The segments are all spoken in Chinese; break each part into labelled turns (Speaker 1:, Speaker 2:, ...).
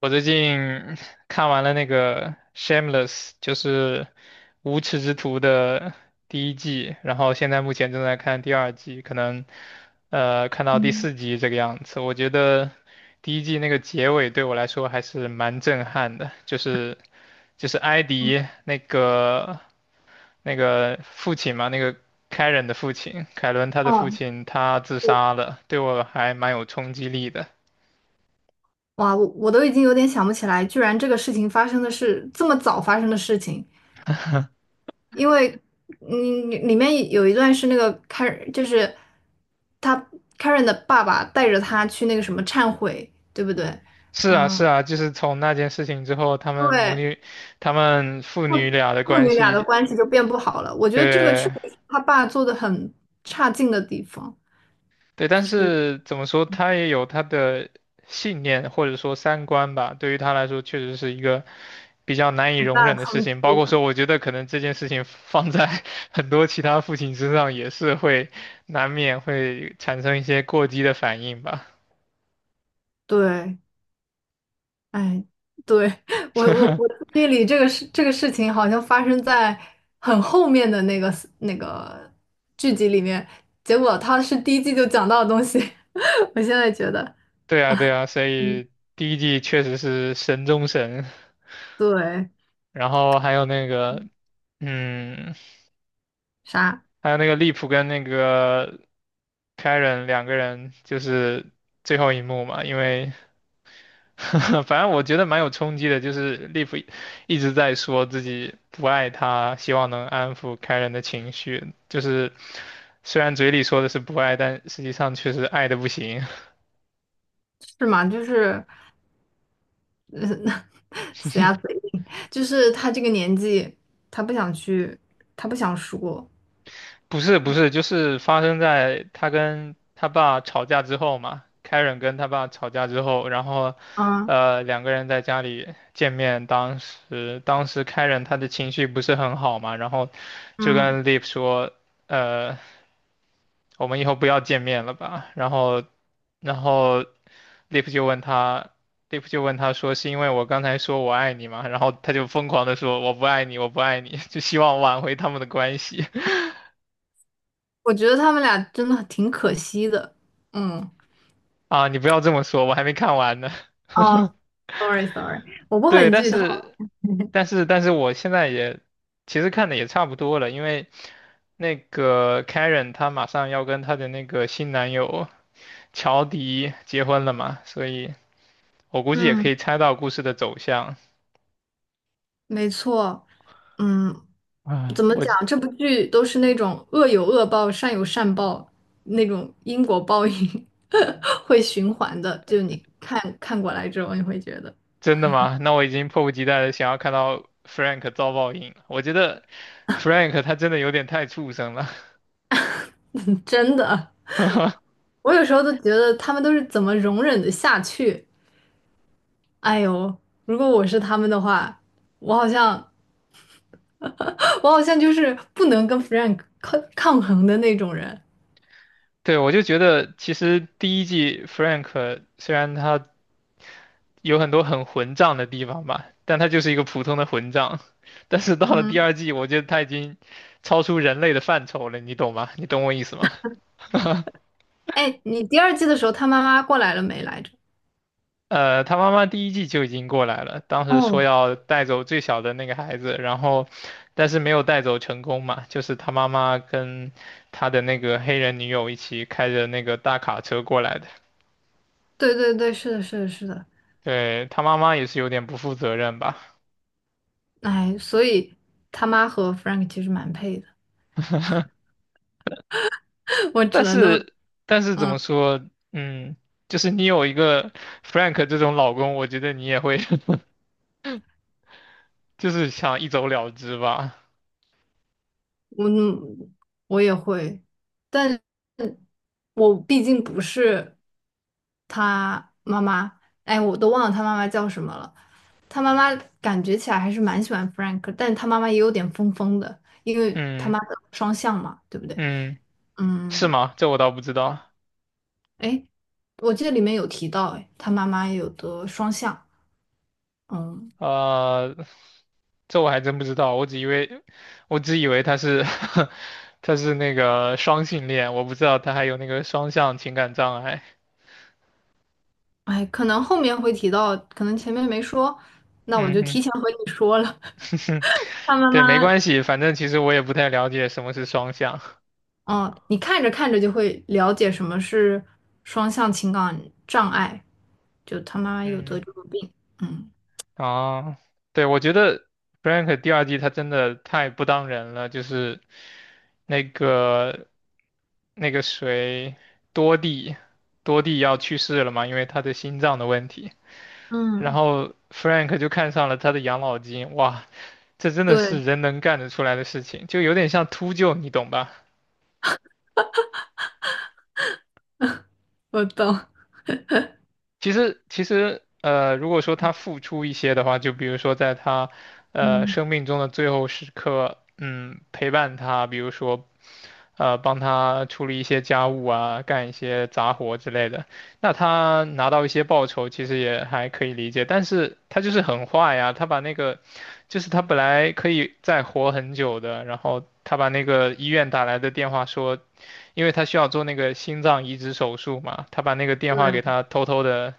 Speaker 1: 我最近 看完了那个《Shameless》，就是《无耻之徒》的第一季，然后现在目前正在看第二季，可能看到第
Speaker 2: 嗯，
Speaker 1: 四集这个样子。我觉得第一季那个结尾对我来说还是蛮震撼的，就是埃迪那个父亲嘛，凯伦他的父
Speaker 2: 哦，
Speaker 1: 亲他自杀了，对我还蛮有冲击力的。
Speaker 2: 哇，我都已经有点想不起来，居然这个事情发生的是这么早发生的事情，因为里面有一段是那个 Karen，就是他 Karen 的爸爸带着他去那个什么忏悔，对不对？
Speaker 1: 是啊，是
Speaker 2: 嗯，
Speaker 1: 啊，就是从那件事情之后，
Speaker 2: 对，
Speaker 1: 他们父
Speaker 2: 父
Speaker 1: 女俩的
Speaker 2: 父
Speaker 1: 关
Speaker 2: 女俩的
Speaker 1: 系，
Speaker 2: 关系就变不好了。我觉得这个确
Speaker 1: 对
Speaker 2: 实是他爸做的很差劲的地方，
Speaker 1: 对，但
Speaker 2: 就是
Speaker 1: 是怎么说，他也有他的信念或者说三观吧，对于他来说，确实是一个比较难以
Speaker 2: 很
Speaker 1: 容
Speaker 2: 大
Speaker 1: 忍
Speaker 2: 的
Speaker 1: 的事
Speaker 2: 冲
Speaker 1: 情。包
Speaker 2: 击
Speaker 1: 括
Speaker 2: 了。
Speaker 1: 说，我觉得可能这件事情放在 很多其他父亲身上，也是会难免会产生一些过激的反应吧。
Speaker 2: 对，哎，对，我记忆里这个事情好像发生在很后面的那个剧集里面，结果他是第一季就讲到的东西，我现在觉得，
Speaker 1: 对啊，对啊，所
Speaker 2: 嗯，
Speaker 1: 以第一季确实是神中神。
Speaker 2: 对，
Speaker 1: 然后还有那个，嗯，
Speaker 2: 啥？
Speaker 1: 还有那个利普跟那个凯 a 两个人，就是最后一幕嘛，因为 反正我觉得蛮有冲击的，就是利普一直在说自己不爱他，希望能安抚凯 a 的情绪，就是虽然嘴里说的是不爱，但实际上确实爱的不行。
Speaker 2: 是吗？就是，嗯，死鸭子 硬，就是他这个年纪，他不想去，他不想说。
Speaker 1: 不是不是，就是发生在他跟他爸吵架之后嘛。Karen 跟他爸吵架之后，然后，
Speaker 2: 嗯
Speaker 1: 两个人在家里见面。当时 Karen 他的情绪不是很好嘛，然后就
Speaker 2: 嗯，
Speaker 1: 跟 Liv 说，呃，我们以后不要见面了吧。然后 Liv 就问他。Liv 就问他说：“是因为我刚才说我爱你嘛？然后他就疯狂的说：“我不爱你，我不爱你。就希望挽回他们的关系。
Speaker 2: 我觉得他们俩真的挺可惜的，嗯，
Speaker 1: 啊，你不要这么说，我还没看完呢。
Speaker 2: 哦 ，sorry sorry，我不
Speaker 1: 对，
Speaker 2: 很
Speaker 1: 但
Speaker 2: 剧透。
Speaker 1: 是，但是，但是我现在也其实看的也差不多了，因为那个 Karen 她马上要跟她的那个新男友乔迪结婚了嘛，所以我估计也
Speaker 2: 嗯。
Speaker 1: 可以猜到故事的走向。
Speaker 2: 没错，嗯，
Speaker 1: 唉，
Speaker 2: 怎么
Speaker 1: 我
Speaker 2: 讲？这部剧都是那种恶有恶报，善有善报，那种因果报应 会循环的。就你看看过来之后，你会觉得
Speaker 1: 真的吗？那我已经迫不及待的想要看到 Frank 遭报应了。我觉得 Frank 他真的有点太畜生了。
Speaker 2: 真的，我有时候都觉得他们都是怎么容忍的下去？哎呦，如果我是他们的话，我好像 我好像就是不能跟 Frank 抗衡的那种人。
Speaker 1: 对，我就觉得其实第一季 Frank 虽然他有很多很混账的地方吧，但他就是一个普通的混账。但是到了第
Speaker 2: 嗯，
Speaker 1: 二季，我觉得他已经超出人类的范畴了，你懂吗？你懂我意思吗？
Speaker 2: 哎，你第二季的时候，他妈妈过来了没来着？
Speaker 1: 他妈妈第一季就已经过来了，当时说
Speaker 2: 哦，
Speaker 1: 要带走最小的那个孩子，但是没有带走成功嘛，就是他妈妈跟他的那个黑人女友一起开着那个大卡车过来的。
Speaker 2: 对对对，是的，是的，是的，
Speaker 1: 对，他妈妈也是有点不负责任吧。
Speaker 2: 哎，所以他妈和 Frank 其实蛮配的，我只
Speaker 1: 但
Speaker 2: 能都，
Speaker 1: 是但是怎
Speaker 2: 嗯，
Speaker 1: 么说，嗯，就是你有一个 Frank 这种老公，我觉得你也会 就是想一走了之吧。
Speaker 2: 我我也会，但我毕竟不是他妈妈，哎，我都忘了他妈妈叫什么了，他妈妈感觉起来还是蛮喜欢 Frank，但他妈妈也有点疯疯的，因为他
Speaker 1: 嗯
Speaker 2: 妈的双向嘛，对不对？
Speaker 1: 嗯，是
Speaker 2: 嗯，
Speaker 1: 吗？这我倒不知道。
Speaker 2: 哎，我记得里面有提到，哎，他妈妈有的双向，嗯。
Speaker 1: 呃，这我还真不知道，我只以为他是 他是那个双性恋，我不知道他还有那个双向情感障碍。
Speaker 2: 哎，可能后面会提到，可能前面没说，那我就
Speaker 1: 嗯
Speaker 2: 提前和你说了。
Speaker 1: 哼，
Speaker 2: 他 妈
Speaker 1: 对，没
Speaker 2: 妈，
Speaker 1: 关系，反正其实我也不太了解什么是双向。
Speaker 2: 嗯，你看着看着就会了解什么是双向情感障碍，就他妈妈有
Speaker 1: 嗯。
Speaker 2: 得这个病。嗯，
Speaker 1: 啊，对，我觉得 Frank 第二季他真的太不当人了，就是那个那个谁多蒂，多蒂要去世了嘛，因为他的心脏的问题，然
Speaker 2: 嗯
Speaker 1: 后 Frank 就看上了他的养老金，哇，这真的
Speaker 2: 对，
Speaker 1: 是人能干得出来的事情，就有点像秃鹫，你懂吧？
Speaker 2: 我懂。
Speaker 1: 其实，如果说他付出一些的话，就比如说在他
Speaker 2: 嗯，
Speaker 1: 生命中的最后时刻，陪伴他，比如说帮他处理一些家务啊，干一些杂活之类的，那他拿到一些报酬，其实也还可以理解。但是他就是很坏呀，他把那个就是他本来可以再活很久的，然后他把那个医院打来的电话说。因为他需要做那个心脏移植手术嘛，他把那个电话给
Speaker 2: 对，
Speaker 1: 他偷偷的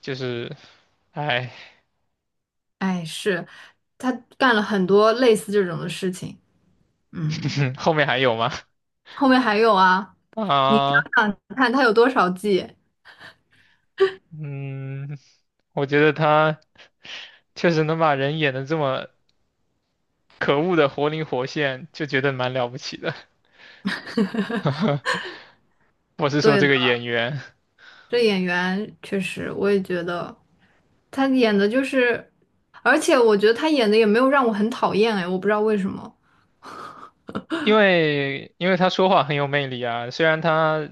Speaker 1: 就是，哎，
Speaker 2: 哎，是，他干了很多类似这种的事情。嗯，
Speaker 1: 后面还有吗？
Speaker 2: 后面还有啊，你
Speaker 1: 啊，
Speaker 2: 想想看，他有多少季？
Speaker 1: 嗯，我觉得他确实能把人演的这么可恶的活灵活现，就觉得蛮了不起的。我是说
Speaker 2: 对
Speaker 1: 这
Speaker 2: 的，
Speaker 1: 个演员，
Speaker 2: 这演员确实，我也觉得。他演的就是，而且我觉得他演的也没有让我很讨厌哎，我不知道为什么，
Speaker 1: 因为他说话很有魅力啊，虽然他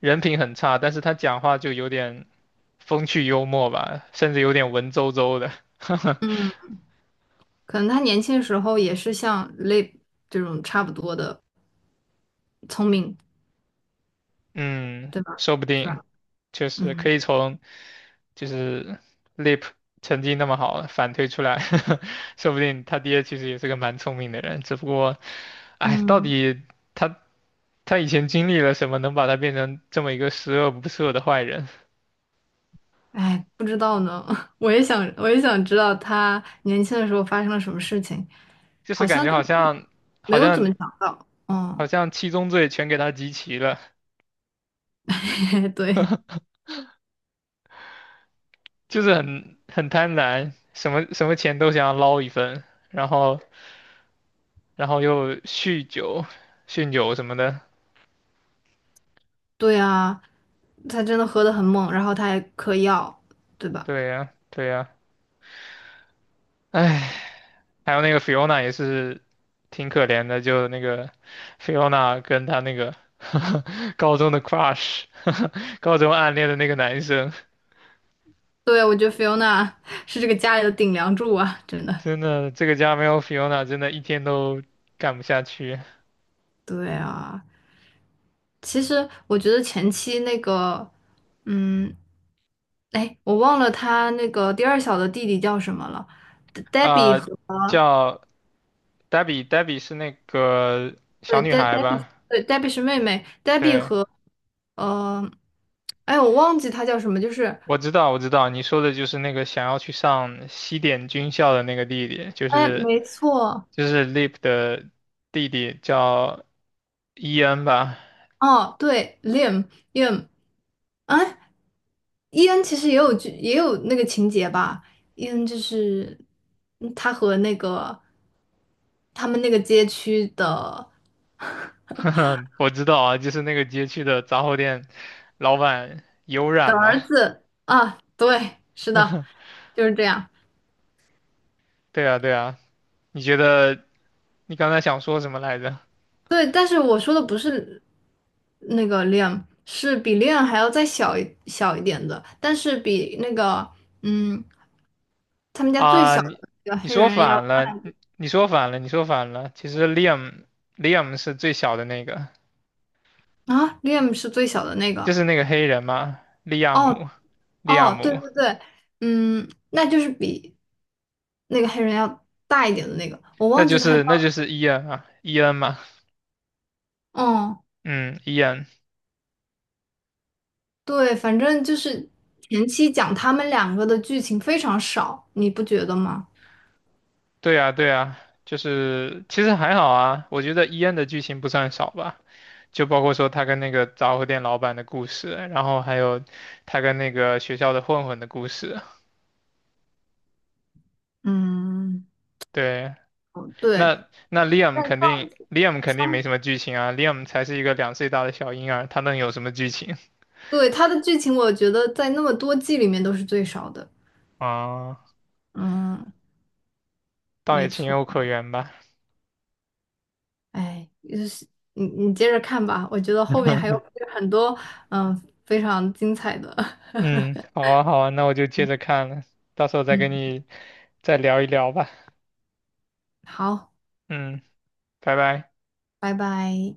Speaker 1: 人品很差，但是他讲话就有点风趣幽默吧，甚至有点文绉绉的。
Speaker 2: 嗯，可能他年轻的时候也是像 Lip 这种差不多的聪明，
Speaker 1: 嗯，
Speaker 2: 对吧？
Speaker 1: 说不
Speaker 2: 是
Speaker 1: 定
Speaker 2: 吧？
Speaker 1: 确实可
Speaker 2: 嗯，
Speaker 1: 以就是 Lip 成绩那么好反推出来，说不定他爹其实也是个蛮聪明的人，只不过，哎，到
Speaker 2: 嗯，
Speaker 1: 底他他以前经历了什么，能把他变成这么一个十恶不赦的坏人？
Speaker 2: 哎，不知道呢，我也想，我也想知道他年轻的时候发生了什么事情，
Speaker 1: 就是
Speaker 2: 好
Speaker 1: 感
Speaker 2: 像
Speaker 1: 觉
Speaker 2: 就
Speaker 1: 好像
Speaker 2: 没
Speaker 1: 好
Speaker 2: 有怎么
Speaker 1: 像
Speaker 2: 讲到。
Speaker 1: 好
Speaker 2: 嗯，
Speaker 1: 像七宗罪全给他集齐了，
Speaker 2: 对，
Speaker 1: 就是很贪婪，什么钱都想要捞一份，然后然后又酗酒什么的。
Speaker 2: 对啊，他真的喝得很猛，然后他还嗑药，对吧？
Speaker 1: 对呀，对呀，哎，还有那个 Fiona 也是挺可怜的，就那个 Fiona 跟她那个 高中的 crush，高中暗恋的那个男生，
Speaker 2: 对，我觉得 Fiona 是这个家里的顶梁柱啊，真的。
Speaker 1: 真的这个家没有 Fiona，真的一天都干不下去。
Speaker 2: 对啊，其实我觉得前期那个，嗯，哎，我忘了他那个第二小的弟弟叫什么了，Debbie
Speaker 1: 啊、
Speaker 2: 和，
Speaker 1: 叫 Debbie，Debbie 是那个小
Speaker 2: 对，
Speaker 1: 女 孩
Speaker 2: Debbie，
Speaker 1: 吧？
Speaker 2: 对， Debbie 是妹妹，Debbie
Speaker 1: 对，
Speaker 2: 和呃，哎，我忘记他叫什么，就是
Speaker 1: 我知道，我知道，你说的就是那个想要去上西点军校的那个弟弟，就
Speaker 2: 哎，
Speaker 1: 是
Speaker 2: 没错，
Speaker 1: 就是 Lip 的弟弟叫伊恩吧，
Speaker 2: 哦，对，Liam， Liam，哎，伊恩其实也有剧，也有那个情节吧。伊恩就是他和那个他们那个街区的，
Speaker 1: 我知道啊，就是那个街区的杂货店老板有染嘛。
Speaker 2: 是啊，对，是的，就是这样。
Speaker 1: 对啊，对啊，你觉得你刚才想说什么来着？
Speaker 2: 对，但是我说的不是那个 Liam，是比 Liam 还要再小一点的，但是比那个嗯他们家最
Speaker 1: 啊，
Speaker 2: 小的
Speaker 1: 你
Speaker 2: 那个
Speaker 1: 你
Speaker 2: 黑
Speaker 1: 说
Speaker 2: 人要，
Speaker 1: 反了，你说反了，你说反了。其实 Liam 是最小的那个，
Speaker 2: 啊，Liam 是最小的那
Speaker 1: 就
Speaker 2: 个。
Speaker 1: 是那个黑人嘛，利亚姆，
Speaker 2: 哦，
Speaker 1: 利亚
Speaker 2: 哦，对
Speaker 1: 姆，
Speaker 2: 对对，嗯，那就是比那个黑人要大一点的那个，我
Speaker 1: 那
Speaker 2: 忘
Speaker 1: 就
Speaker 2: 记他叫，
Speaker 1: 是那就是伊恩啊，伊恩嘛，
Speaker 2: 嗯，
Speaker 1: 嗯，伊恩。
Speaker 2: 对，反正就是前期讲他们两个的剧情非常少，你不觉得吗？
Speaker 1: 对呀，对呀，就是其实还好啊，我觉得伊恩的剧情不算少吧，就包括说他跟那个杂货店老板的故事，然后还有他跟那个学校的混混的故事。
Speaker 2: 嗯，
Speaker 1: 对，
Speaker 2: 对，
Speaker 1: 那 Liam 肯定没什么剧情啊，Liam 才是一个2岁大的小婴儿，他能有什么剧情
Speaker 2: 对，他的剧情我觉得在那么多季里面都是最少的，
Speaker 1: 啊？
Speaker 2: 嗯，
Speaker 1: 倒也
Speaker 2: 没
Speaker 1: 情
Speaker 2: 错。
Speaker 1: 有可原吧。
Speaker 2: 哎，就是你接着看吧，我觉得后面还有很多嗯非常精彩的，
Speaker 1: 嗯，好 啊，好啊，那我就接着看了，到时候再跟
Speaker 2: 嗯，
Speaker 1: 你再聊一聊吧。
Speaker 2: 好，
Speaker 1: 嗯，拜拜。
Speaker 2: 拜拜。